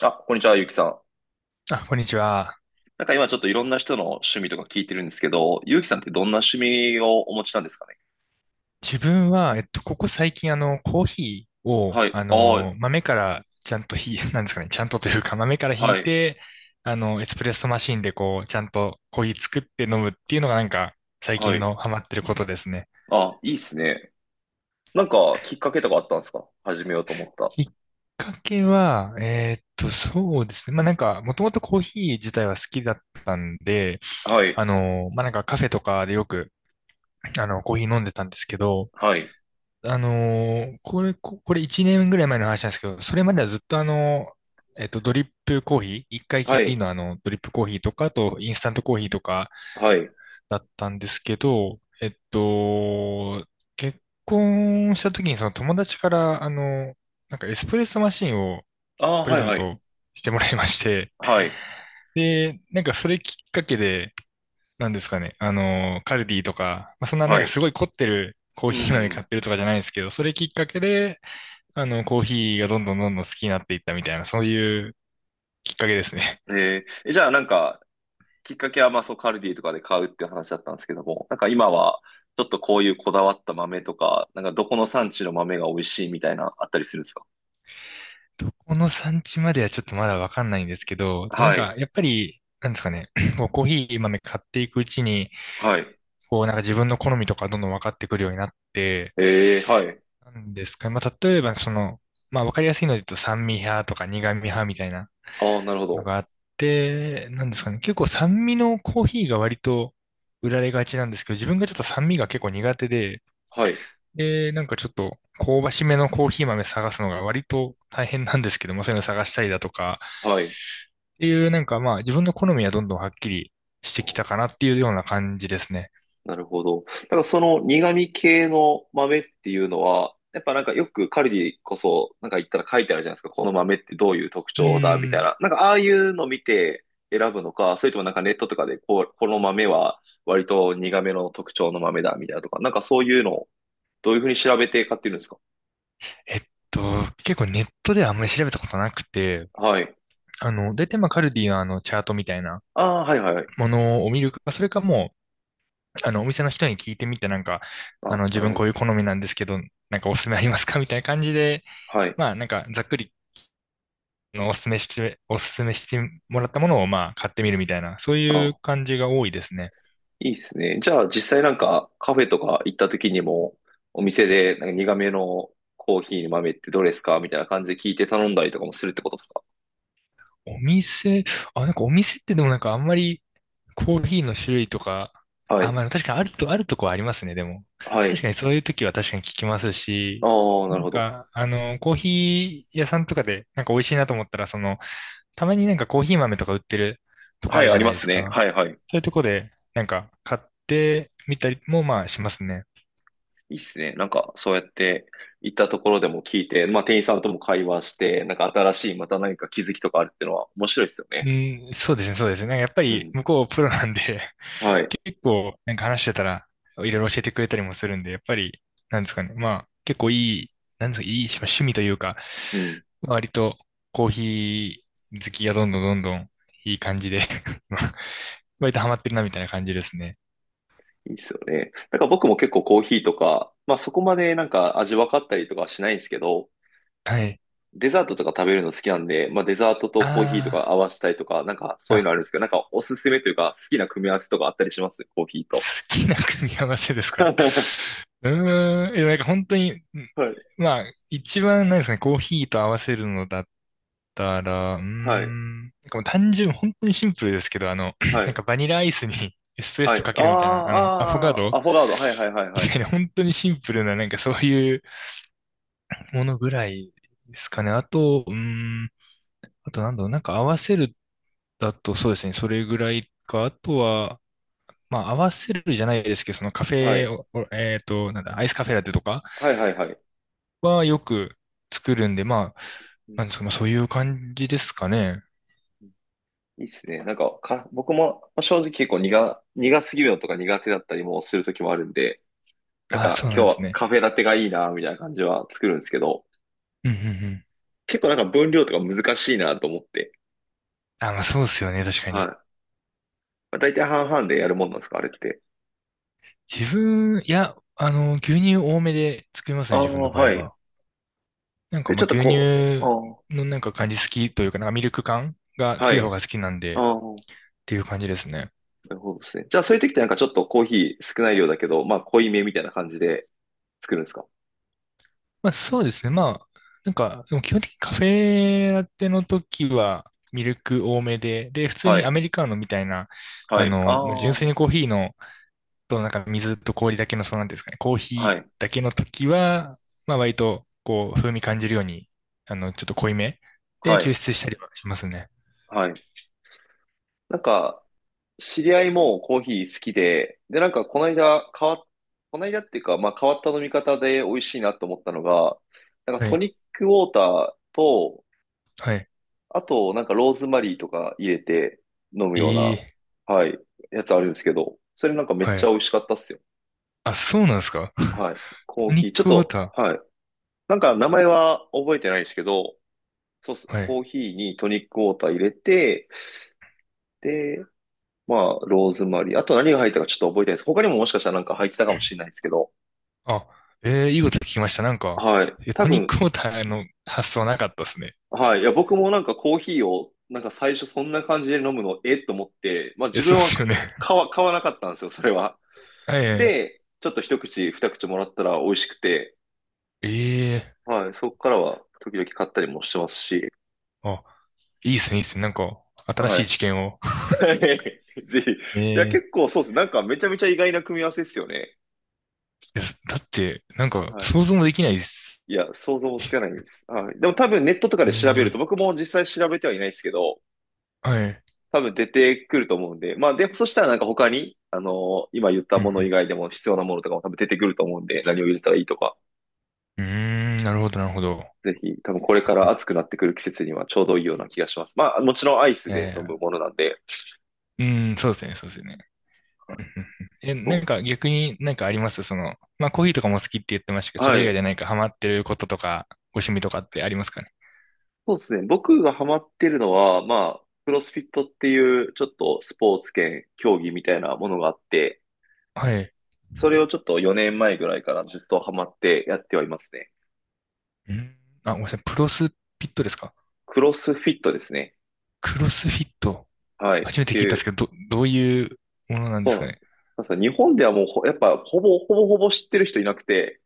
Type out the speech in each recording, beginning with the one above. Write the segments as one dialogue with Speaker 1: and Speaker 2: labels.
Speaker 1: あ、こんにちは、ゆうきさん。
Speaker 2: あ、こんにちは。
Speaker 1: 今ちょっといろんな人の趣味とか聞いてるんですけど、ゆうきさんってどんな趣味をお持ちなんですかね？
Speaker 2: 自分は、ここ最近、コーヒーを、
Speaker 1: はい、ああ、
Speaker 2: 豆からちゃんとなんですかね、ちゃんとというか、豆からひ
Speaker 1: は
Speaker 2: い
Speaker 1: い、
Speaker 2: て、エスプレッソマシンで、こう、ちゃんとコーヒー作って飲むっていうのが、なんか、最
Speaker 1: は
Speaker 2: 近
Speaker 1: い。
Speaker 2: のハマってることですね。
Speaker 1: あ、いいっすね。きっかけとかあったんですか？始めようと思った。
Speaker 2: きっかけは、そうですね。まあ、なんか、もともとコーヒー自体は好きだったんで、
Speaker 1: はい、
Speaker 2: まあ、なんかカフェとかでよく、コーヒー飲んでたんですけど、
Speaker 1: はい、
Speaker 2: これ1年ぐらい前の話なんですけど、それまではずっとドリップコーヒー、一回き
Speaker 1: は
Speaker 2: り
Speaker 1: い、
Speaker 2: のドリップコーヒーとか、あと、インスタントコーヒーとか
Speaker 1: はい。
Speaker 2: だったんですけど、結婚した時にその友達から、なんかエスプレッソマシンを
Speaker 1: ああ、
Speaker 2: プレ
Speaker 1: はい、
Speaker 2: ゼン
Speaker 1: はい、
Speaker 2: トしてもらいまして、
Speaker 1: はい、
Speaker 2: で、なんかそれきっかけで、なんですかね、カルディとか、まあ、そんななん
Speaker 1: は
Speaker 2: かす
Speaker 1: い。
Speaker 2: ごい凝ってるコー
Speaker 1: う
Speaker 2: ヒー豆買
Speaker 1: ん。
Speaker 2: ってるとかじゃないんですけど、それきっかけで、コーヒーがどんどんどんどん好きになっていったみたいな、そういうきっかけですね。
Speaker 1: えーえじゃあきっかけはまあそう、カルディとかで買うっていう話だったんですけども、なんか今は、ちょっとこういうこだわった豆とか、なんか、どこの産地の豆が美味しいみたいな、あったりするんですか？
Speaker 2: どこの産地まではちょっとまだわかんないんですけど、でもなん
Speaker 1: は
Speaker 2: か、
Speaker 1: い。
Speaker 2: やっぱり、なんですかね、こうコーヒー豆買っていくうちに、
Speaker 1: はい。
Speaker 2: こう、なんか自分の好みとかどんどん分かってくるようになって、
Speaker 1: ええ、はい。
Speaker 2: なんですかね、まあ、例えば、その、まあ、わかりやすいので言うと、酸味派とか苦味派みたいな
Speaker 1: ああ、なるほ
Speaker 2: の
Speaker 1: ど。
Speaker 2: があって、なんですかね、結構酸味のコーヒーが割と売られがちなんですけど、自分がちょっと酸味が結構苦手で、
Speaker 1: はい。
Speaker 2: で、なんかちょっと香ばしめのコーヒー豆探すのが割と大変なんですけども、そういうの探したりだとか、
Speaker 1: はい。
Speaker 2: っていうなんかまあ自分の好みはどんどんはっきりして
Speaker 1: あ
Speaker 2: き
Speaker 1: ー、
Speaker 2: たかなっていうような感じですね。
Speaker 1: なるほど。その苦味系の豆っていうのは、やっぱよくカルディこそ、なんか言ったら書いてあるじゃないですか。この豆ってどういう特
Speaker 2: う
Speaker 1: 徴だ、み
Speaker 2: ー
Speaker 1: たい
Speaker 2: ん。
Speaker 1: な。なんかああいうの見て選ぶのか、それともなんかネットとかでこう、この豆は割と苦めの特徴の豆だ、みたいなとか。なんか。そういうのをどういうふうに調べて買ってるんですか？
Speaker 2: えっと、結構ネットではあんまり調べたことなくて、
Speaker 1: はい。
Speaker 2: 大体まあカルディのあのチャートみたいな
Speaker 1: ああ、はいはいはい。
Speaker 2: ものを見るか、それかもう、お店の人に聞いてみてなんか、
Speaker 1: ああ、
Speaker 2: 自
Speaker 1: なる
Speaker 2: 分
Speaker 1: ほど
Speaker 2: こう
Speaker 1: で
Speaker 2: いう
Speaker 1: す
Speaker 2: 好
Speaker 1: ね。
Speaker 2: みなんですけど、なんかおすすめありますかみたいな感じで、
Speaker 1: はい。
Speaker 2: まあなんかざっくりのおすすめしてもらったものをまあ買ってみるみたいな、そういう
Speaker 1: ああ、
Speaker 2: 感じが多いですね。
Speaker 1: いいっすね。じゃあ実際なんかカフェとか行った時にもお店でなんか苦めのコーヒーの豆ってどれですかみたいな感じで聞いて頼んだりとかもするってことですか？
Speaker 2: お店、あ、なんかお店ってでもなんかあんまりコーヒーの種類とか、
Speaker 1: は
Speaker 2: あ、
Speaker 1: い。
Speaker 2: まあ確かにあるとこはありますね、でも。
Speaker 1: は
Speaker 2: 確
Speaker 1: い。
Speaker 2: かにそういう時は確かに聞きますし、
Speaker 1: ああ、なる
Speaker 2: なん
Speaker 1: ほど。
Speaker 2: か、コーヒー屋さんとかでなんか美味しいなと思ったら、たまになんかコーヒー豆とか売ってるとこ
Speaker 1: は
Speaker 2: あ
Speaker 1: い、
Speaker 2: る
Speaker 1: あ
Speaker 2: じゃ
Speaker 1: り
Speaker 2: ない
Speaker 1: ま
Speaker 2: で
Speaker 1: す
Speaker 2: す
Speaker 1: ね。
Speaker 2: か。
Speaker 1: はいはい。
Speaker 2: そういうとこでなんか買ってみたりもまあしますね。
Speaker 1: いいっすね。なんかそうやって行ったところでも聞いて、まあ店員さんとも会話して、なんか新しいまた何か気づきとかあるってのは面白いっすよね。
Speaker 2: うん、そうですね、そうですね。なんかやっぱ
Speaker 1: う
Speaker 2: り
Speaker 1: ん。
Speaker 2: 向こうプロなんで、
Speaker 1: はい。
Speaker 2: 結構なんか話してたら、いろいろ教えてくれたりもするんで、やっぱり、なんですかね、まあ、結構いい、なんですか、いい趣味というか、
Speaker 1: うん。
Speaker 2: 割とコーヒー好きがどんどんどんどんいい感じで 割とハマってるなみたいな感じですね。
Speaker 1: いいっすよね。なんか僕も結構コーヒーとか、まあそこまでなんか味分かったりとかはしないんですけど、
Speaker 2: はい。
Speaker 1: デザートとか食べるの好きなんで、まあ、デザートとコーヒーと
Speaker 2: あ
Speaker 1: か合わせたいとか、なんか
Speaker 2: あ、
Speaker 1: そういうの
Speaker 2: あ、
Speaker 1: あるんですけど、なんかおすすめというか、好きな組み合わせとかあったりします？コーヒーと。
Speaker 2: 好きな組み合わせです か？
Speaker 1: は
Speaker 2: うーん、なんか本当に、
Speaker 1: い、
Speaker 2: まあ、一番なんですかね、コーヒーと合わせるのだったら、うー
Speaker 1: はい、
Speaker 2: ん、なんかもう単純、本当にシンプルですけど、
Speaker 1: は
Speaker 2: なん
Speaker 1: い、
Speaker 2: かバニラアイスにエスプレッ
Speaker 1: はい。
Speaker 2: ソか
Speaker 1: あ
Speaker 2: けるみたいな、
Speaker 1: あ、
Speaker 2: アフォガ
Speaker 1: ああ、
Speaker 2: ド
Speaker 1: アフォガード。はい、はい、はい、
Speaker 2: み
Speaker 1: はい。
Speaker 2: たいな、本当にシンプルな、なんかそういうものぐらいですかね。あと、うーん、あとなんだろう、なんか合わせるだとそうですね、それぐらいか、あとは、まあ、合わせるじゃないですけど、そのカフ
Speaker 1: は
Speaker 2: ェ
Speaker 1: い、
Speaker 2: を、おえっと、なんだ、アイスカフェラテとか
Speaker 1: はい、はい、はい。
Speaker 2: はよく作るんで、まあ、
Speaker 1: うん。
Speaker 2: なんですか、まあ、そういう感じですかね。
Speaker 1: いいっすね。僕もまあ正直結構苦すぎるのとか苦手だったりもする時もあるんで、なん
Speaker 2: ああ、
Speaker 1: か
Speaker 2: そうな
Speaker 1: 今
Speaker 2: ん
Speaker 1: 日
Speaker 2: です
Speaker 1: は
Speaker 2: ね。
Speaker 1: カフェラテがいいな、みたいな感じは作るんですけど、
Speaker 2: うん、うん、うん。
Speaker 1: 結構なんか分量とか難しいなと思って。
Speaker 2: あ、まあ、そうですよね、確か
Speaker 1: は
Speaker 2: に。
Speaker 1: い。まあ大体半々でやるもんなんですか、あれって。
Speaker 2: いや、牛乳多めで作ります
Speaker 1: あ
Speaker 2: ね、自分
Speaker 1: あ、
Speaker 2: の場
Speaker 1: は
Speaker 2: 合
Speaker 1: い。
Speaker 2: は。なんか、
Speaker 1: で、
Speaker 2: ま
Speaker 1: ちょ
Speaker 2: あ、
Speaker 1: っと
Speaker 2: 牛
Speaker 1: こう、
Speaker 2: 乳
Speaker 1: あ
Speaker 2: のなんか感じ好きというか、なんかミルク感が
Speaker 1: あ、は
Speaker 2: 強い方
Speaker 1: い。
Speaker 2: が好きなん
Speaker 1: あ
Speaker 2: で、っ
Speaker 1: あ、
Speaker 2: ていう感じですね。
Speaker 1: なるほどですね。じゃあ、そういう時ってなんかちょっとコーヒー少ない量だけど、まあ、濃いめみたいな感じで作るんですか？
Speaker 2: まあそうですね。まあ、なんか、でも基本的にカフェラテの時はミルク多めで、で、普通
Speaker 1: は
Speaker 2: にア
Speaker 1: い、
Speaker 2: メリカーノみたいな、
Speaker 1: はい。あ
Speaker 2: もう
Speaker 1: あ、
Speaker 2: 純粋
Speaker 1: は
Speaker 2: にコーヒーの、となんか水と氷だけの、そうなんていうんですかね、コーヒー
Speaker 1: い、
Speaker 2: だけの時は、まあ割と、こう、風味感じるように、ちょっと濃いめで
Speaker 1: は
Speaker 2: 抽
Speaker 1: い、
Speaker 2: 出したりはしますね。
Speaker 1: はい。なんか、知り合いもコーヒー好きで、で、なんか、この間っていうか、まあ、変わった飲み方で美味しいなと思ったのが、なんか、
Speaker 2: は
Speaker 1: ト
Speaker 2: い、
Speaker 1: ニックウォーターと、
Speaker 2: はい。
Speaker 1: あと、なんかローズマリーとか入れて飲む
Speaker 2: え
Speaker 1: よう
Speaker 2: え、
Speaker 1: な、はい、やつあるんですけど、それなんかめっ
Speaker 2: は
Speaker 1: ちゃ美
Speaker 2: い。
Speaker 1: 味しかったっすよ。
Speaker 2: あ、そうなんですか。
Speaker 1: はい。コ
Speaker 2: ト
Speaker 1: ー
Speaker 2: ニ
Speaker 1: ヒ
Speaker 2: ッ
Speaker 1: ー、ちょっ
Speaker 2: クウォー
Speaker 1: と、
Speaker 2: タ
Speaker 1: はい。なんか名前は覚えてないですけど、そうっす。
Speaker 2: ー。は
Speaker 1: コ
Speaker 2: い。
Speaker 1: ーヒーにトニックウォーター入れて、で、まあ、ローズマリー。あと何が入ったかちょっと覚えてないです。他にももしかしたらなんか入ってたかもしれないですけど、
Speaker 2: あ、ええ、いいこと聞きました。なんか、
Speaker 1: はい。多
Speaker 2: トニッ
Speaker 1: 分、
Speaker 2: クウォーターの発想なかったですね。
Speaker 1: はい。いや、僕もなんかコーヒーを、なんか最初そんな感じで飲むの、えっと思って、まあ
Speaker 2: え、
Speaker 1: 自
Speaker 2: そ
Speaker 1: 分
Speaker 2: うで
Speaker 1: は
Speaker 2: すよ
Speaker 1: か
Speaker 2: ね。
Speaker 1: 買わ、買わなかったんですよ、それは。
Speaker 2: はい。
Speaker 1: で、ちょっと一口、二口もらったら美味しくて、
Speaker 2: ええ
Speaker 1: はい、そこからは時々買ったりもしてますし、
Speaker 2: あ、いいですね、いいですね。なんか、新
Speaker 1: は
Speaker 2: しい
Speaker 1: い。
Speaker 2: 知見を。
Speaker 1: ぜひ。いや、
Speaker 2: え
Speaker 1: 結
Speaker 2: え
Speaker 1: 構そうです。なんかめちゃめちゃ意外な組み合わせですよね。
Speaker 2: いや、だって、なんか、
Speaker 1: はい。
Speaker 2: 想像もできないです。
Speaker 1: いや、想像もつかないです。はい。でも多分ネットとかで調べ
Speaker 2: え
Speaker 1: ると、
Speaker 2: え
Speaker 1: 僕も実際調べてはいないですけど、
Speaker 2: はい。
Speaker 1: 多分出てくると思うんで、まあ、で、そしたらなんか他に、今言った
Speaker 2: うん、
Speaker 1: もの以外でも必要なものとかも多分出てくると思うんで、何を入れたらいいとか、
Speaker 2: うん。うーん、なるほど、なるほど。
Speaker 1: ぜひ、多分これか
Speaker 2: う
Speaker 1: ら
Speaker 2: ん
Speaker 1: 暑くなってくる季節にはちょうどいいような気がします。まあ、もちろんアイ
Speaker 2: い
Speaker 1: ス
Speaker 2: や
Speaker 1: で
Speaker 2: い
Speaker 1: 飲
Speaker 2: や、
Speaker 1: むものなんで。
Speaker 2: うん、そうですね、そうですね。
Speaker 1: はい。
Speaker 2: うんうんうん
Speaker 1: そう
Speaker 2: な
Speaker 1: っ
Speaker 2: ん
Speaker 1: す。
Speaker 2: か逆になんかありますその、まあコーヒーとかも好きって言ってましたけど、それ
Speaker 1: は
Speaker 2: 以外
Speaker 1: い。
Speaker 2: で何かハマってることとか、ご趣味とかってありますかね？
Speaker 1: そうですね。僕がハマってるのは、まあ、クロスフィットっていうちょっとスポーツ兼競技みたいなものがあって、
Speaker 2: はい。
Speaker 1: それをちょっと4年前ぐらいからずっとハマってやってはいますね。
Speaker 2: うん、あ、ごめんなさい。プロスフィットですか？
Speaker 1: クロスフィットですね。
Speaker 2: クロスフィット。
Speaker 1: はい。っ
Speaker 2: 初めて
Speaker 1: て
Speaker 2: 聞いた
Speaker 1: い
Speaker 2: んです
Speaker 1: う、
Speaker 2: けど、どういうものなんで
Speaker 1: そう
Speaker 2: す
Speaker 1: なん
Speaker 2: か
Speaker 1: です。
Speaker 2: ね？
Speaker 1: なんか日本ではもうほやっぱほぼ、ほぼほぼ知ってる人いなくて、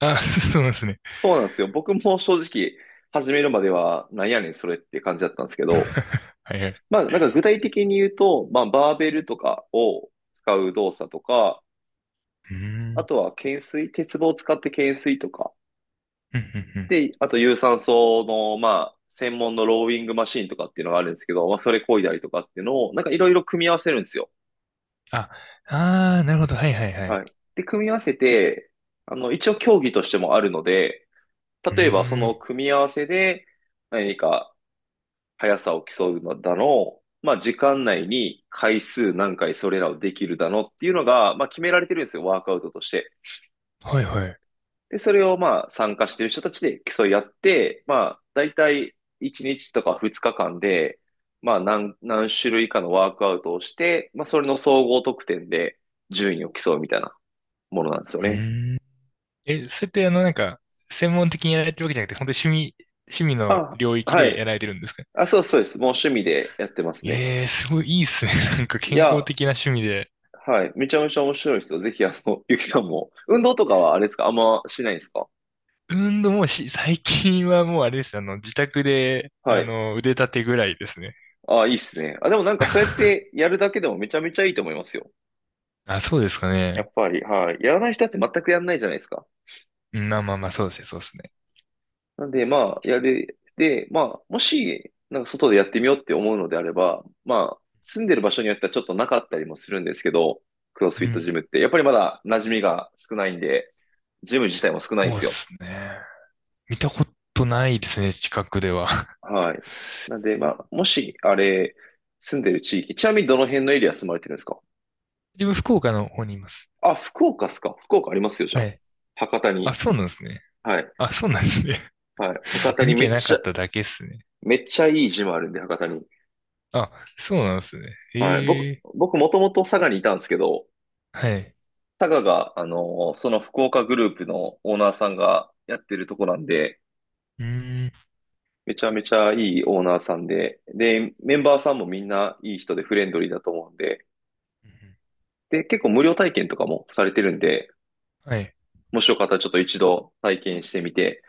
Speaker 2: あ、そうなんですね。
Speaker 1: そうなんですよ。僕も正直、始めるまでは、なんやねん、それって感じだったんですけど、
Speaker 2: はいはい。
Speaker 1: まあ、なんか具体的に言うと、まあ、バーベルとかを使う動作とか、
Speaker 2: うー
Speaker 1: あ
Speaker 2: ん。
Speaker 1: とは懸垂、鉄棒を使って懸垂とか、
Speaker 2: うんうんうん。
Speaker 1: で、あと有酸素の、まあ、専門のローイングマシンとかっていうのがあるんですけど、まあ、それ漕いだりとかっていうのを、なんかいろいろ組み合わせるんですよ。
Speaker 2: あ、あー、なるほど。はいはいはい。
Speaker 1: はい。で、組み合わせて、一応競技としてもあるので、
Speaker 2: うー
Speaker 1: 例えばその
Speaker 2: ん。
Speaker 1: 組み合わせで、何か速さを競うのだの、まあ、時間内に回数何回それらをできるだのっていうのが、まあ、決められてるんですよ、ワークアウトとして。
Speaker 2: はいはい。う
Speaker 1: で、それをまあ、参加してる人たちで競い合って、まあ、だいたい1日とか2日間で、まあ、何種類かのワークアウトをして、まあ、それの総合得点で順位を競うみたいなものなんですよね。
Speaker 2: ーん。それってなんか、専門的にやられてるわけじゃなくて、本当に趣味の
Speaker 1: あ、
Speaker 2: 領域
Speaker 1: は
Speaker 2: でや
Speaker 1: い。
Speaker 2: られてるんですか？
Speaker 1: あ、そうそうです。もう趣味でやってますね。
Speaker 2: ええー、すごいいいっすね。なんか
Speaker 1: い
Speaker 2: 健康
Speaker 1: や、
Speaker 2: 的な趣味で。
Speaker 1: はい。めちゃめちゃ面白いですよ。ぜひ、ゆきさんも。運動とかはあれですかあんましないんですか？
Speaker 2: 運動もし、最近はもうあれです。自宅で、
Speaker 1: はい。
Speaker 2: 腕立てぐらいですね。
Speaker 1: ああ、いいっすね。あ、でもなんかそうやって やるだけでもめちゃめちゃいいと思いますよ。
Speaker 2: あ、そうですか
Speaker 1: や
Speaker 2: ね。
Speaker 1: っぱり、はい。やらない人だって全くやんないじゃないですか。
Speaker 2: うんまあまあまあ、そうですね、そうですね。
Speaker 1: なんで、まあ、やる。で、まあ、もし、なんか外でやってみようって思うのであれば、まあ、住んでる場所によってはちょっとなかったりもするんですけど、クロス
Speaker 2: う
Speaker 1: フィット
Speaker 2: ん。
Speaker 1: ジムって。やっぱりまだ馴染みが少ないんで、ジム自体も少ないんで
Speaker 2: そう
Speaker 1: す
Speaker 2: で
Speaker 1: よ。
Speaker 2: すね。見たことないですね、近くでは。
Speaker 1: はい。なんで、まあ、もし、あれ、住んでる地域、ちなみにどの辺のエリア住まれてるんですか？
Speaker 2: 自分、福岡の方にいます。
Speaker 1: あ、福岡っすか？福岡ありますよ、じゃ
Speaker 2: は
Speaker 1: あ。
Speaker 2: い。
Speaker 1: 博多
Speaker 2: あ、
Speaker 1: に。
Speaker 2: そうなんですね。
Speaker 1: はい。
Speaker 2: あ、そうなんですね。
Speaker 1: はい。博 多に
Speaker 2: 見
Speaker 1: め
Speaker 2: て
Speaker 1: っ
Speaker 2: な
Speaker 1: ち
Speaker 2: か
Speaker 1: ゃ、
Speaker 2: っただけですね。
Speaker 1: めっちゃいいジムあるんで、博多に。
Speaker 2: あ、そうなんですね。
Speaker 1: はい。
Speaker 2: へえ。
Speaker 1: 僕もともと佐賀にいたんですけど、
Speaker 2: はい。
Speaker 1: 佐賀が、あのーその福岡グループのオーナーさんがやってるとこなんで、
Speaker 2: うーん。
Speaker 1: めちゃめちゃいいオーナーさんで、で、メンバーさんもみんないい人でフレンドリーだと思うんで、
Speaker 2: うん
Speaker 1: で、結構無料体験とかもされてるんで、
Speaker 2: はい。
Speaker 1: もしよかったらちょっと一度体験してみて、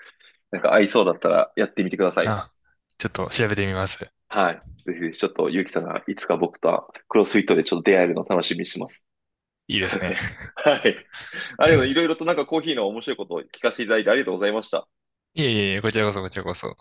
Speaker 1: なんか合いそうだったらやってみてください。
Speaker 2: あ、ちょっと調べてみます。
Speaker 1: はい。ぜひぜひちょっとゆうきさんがいつか僕とクロスフィットでちょっと出会えるのを楽しみにしてます。
Speaker 2: いいですね。
Speaker 1: はい。ありがとう。いろいろ となんかコーヒーの面白いことを聞かせていただいてありがとうございました。
Speaker 2: いえいえいえ、こちらこそ、こちらこそ。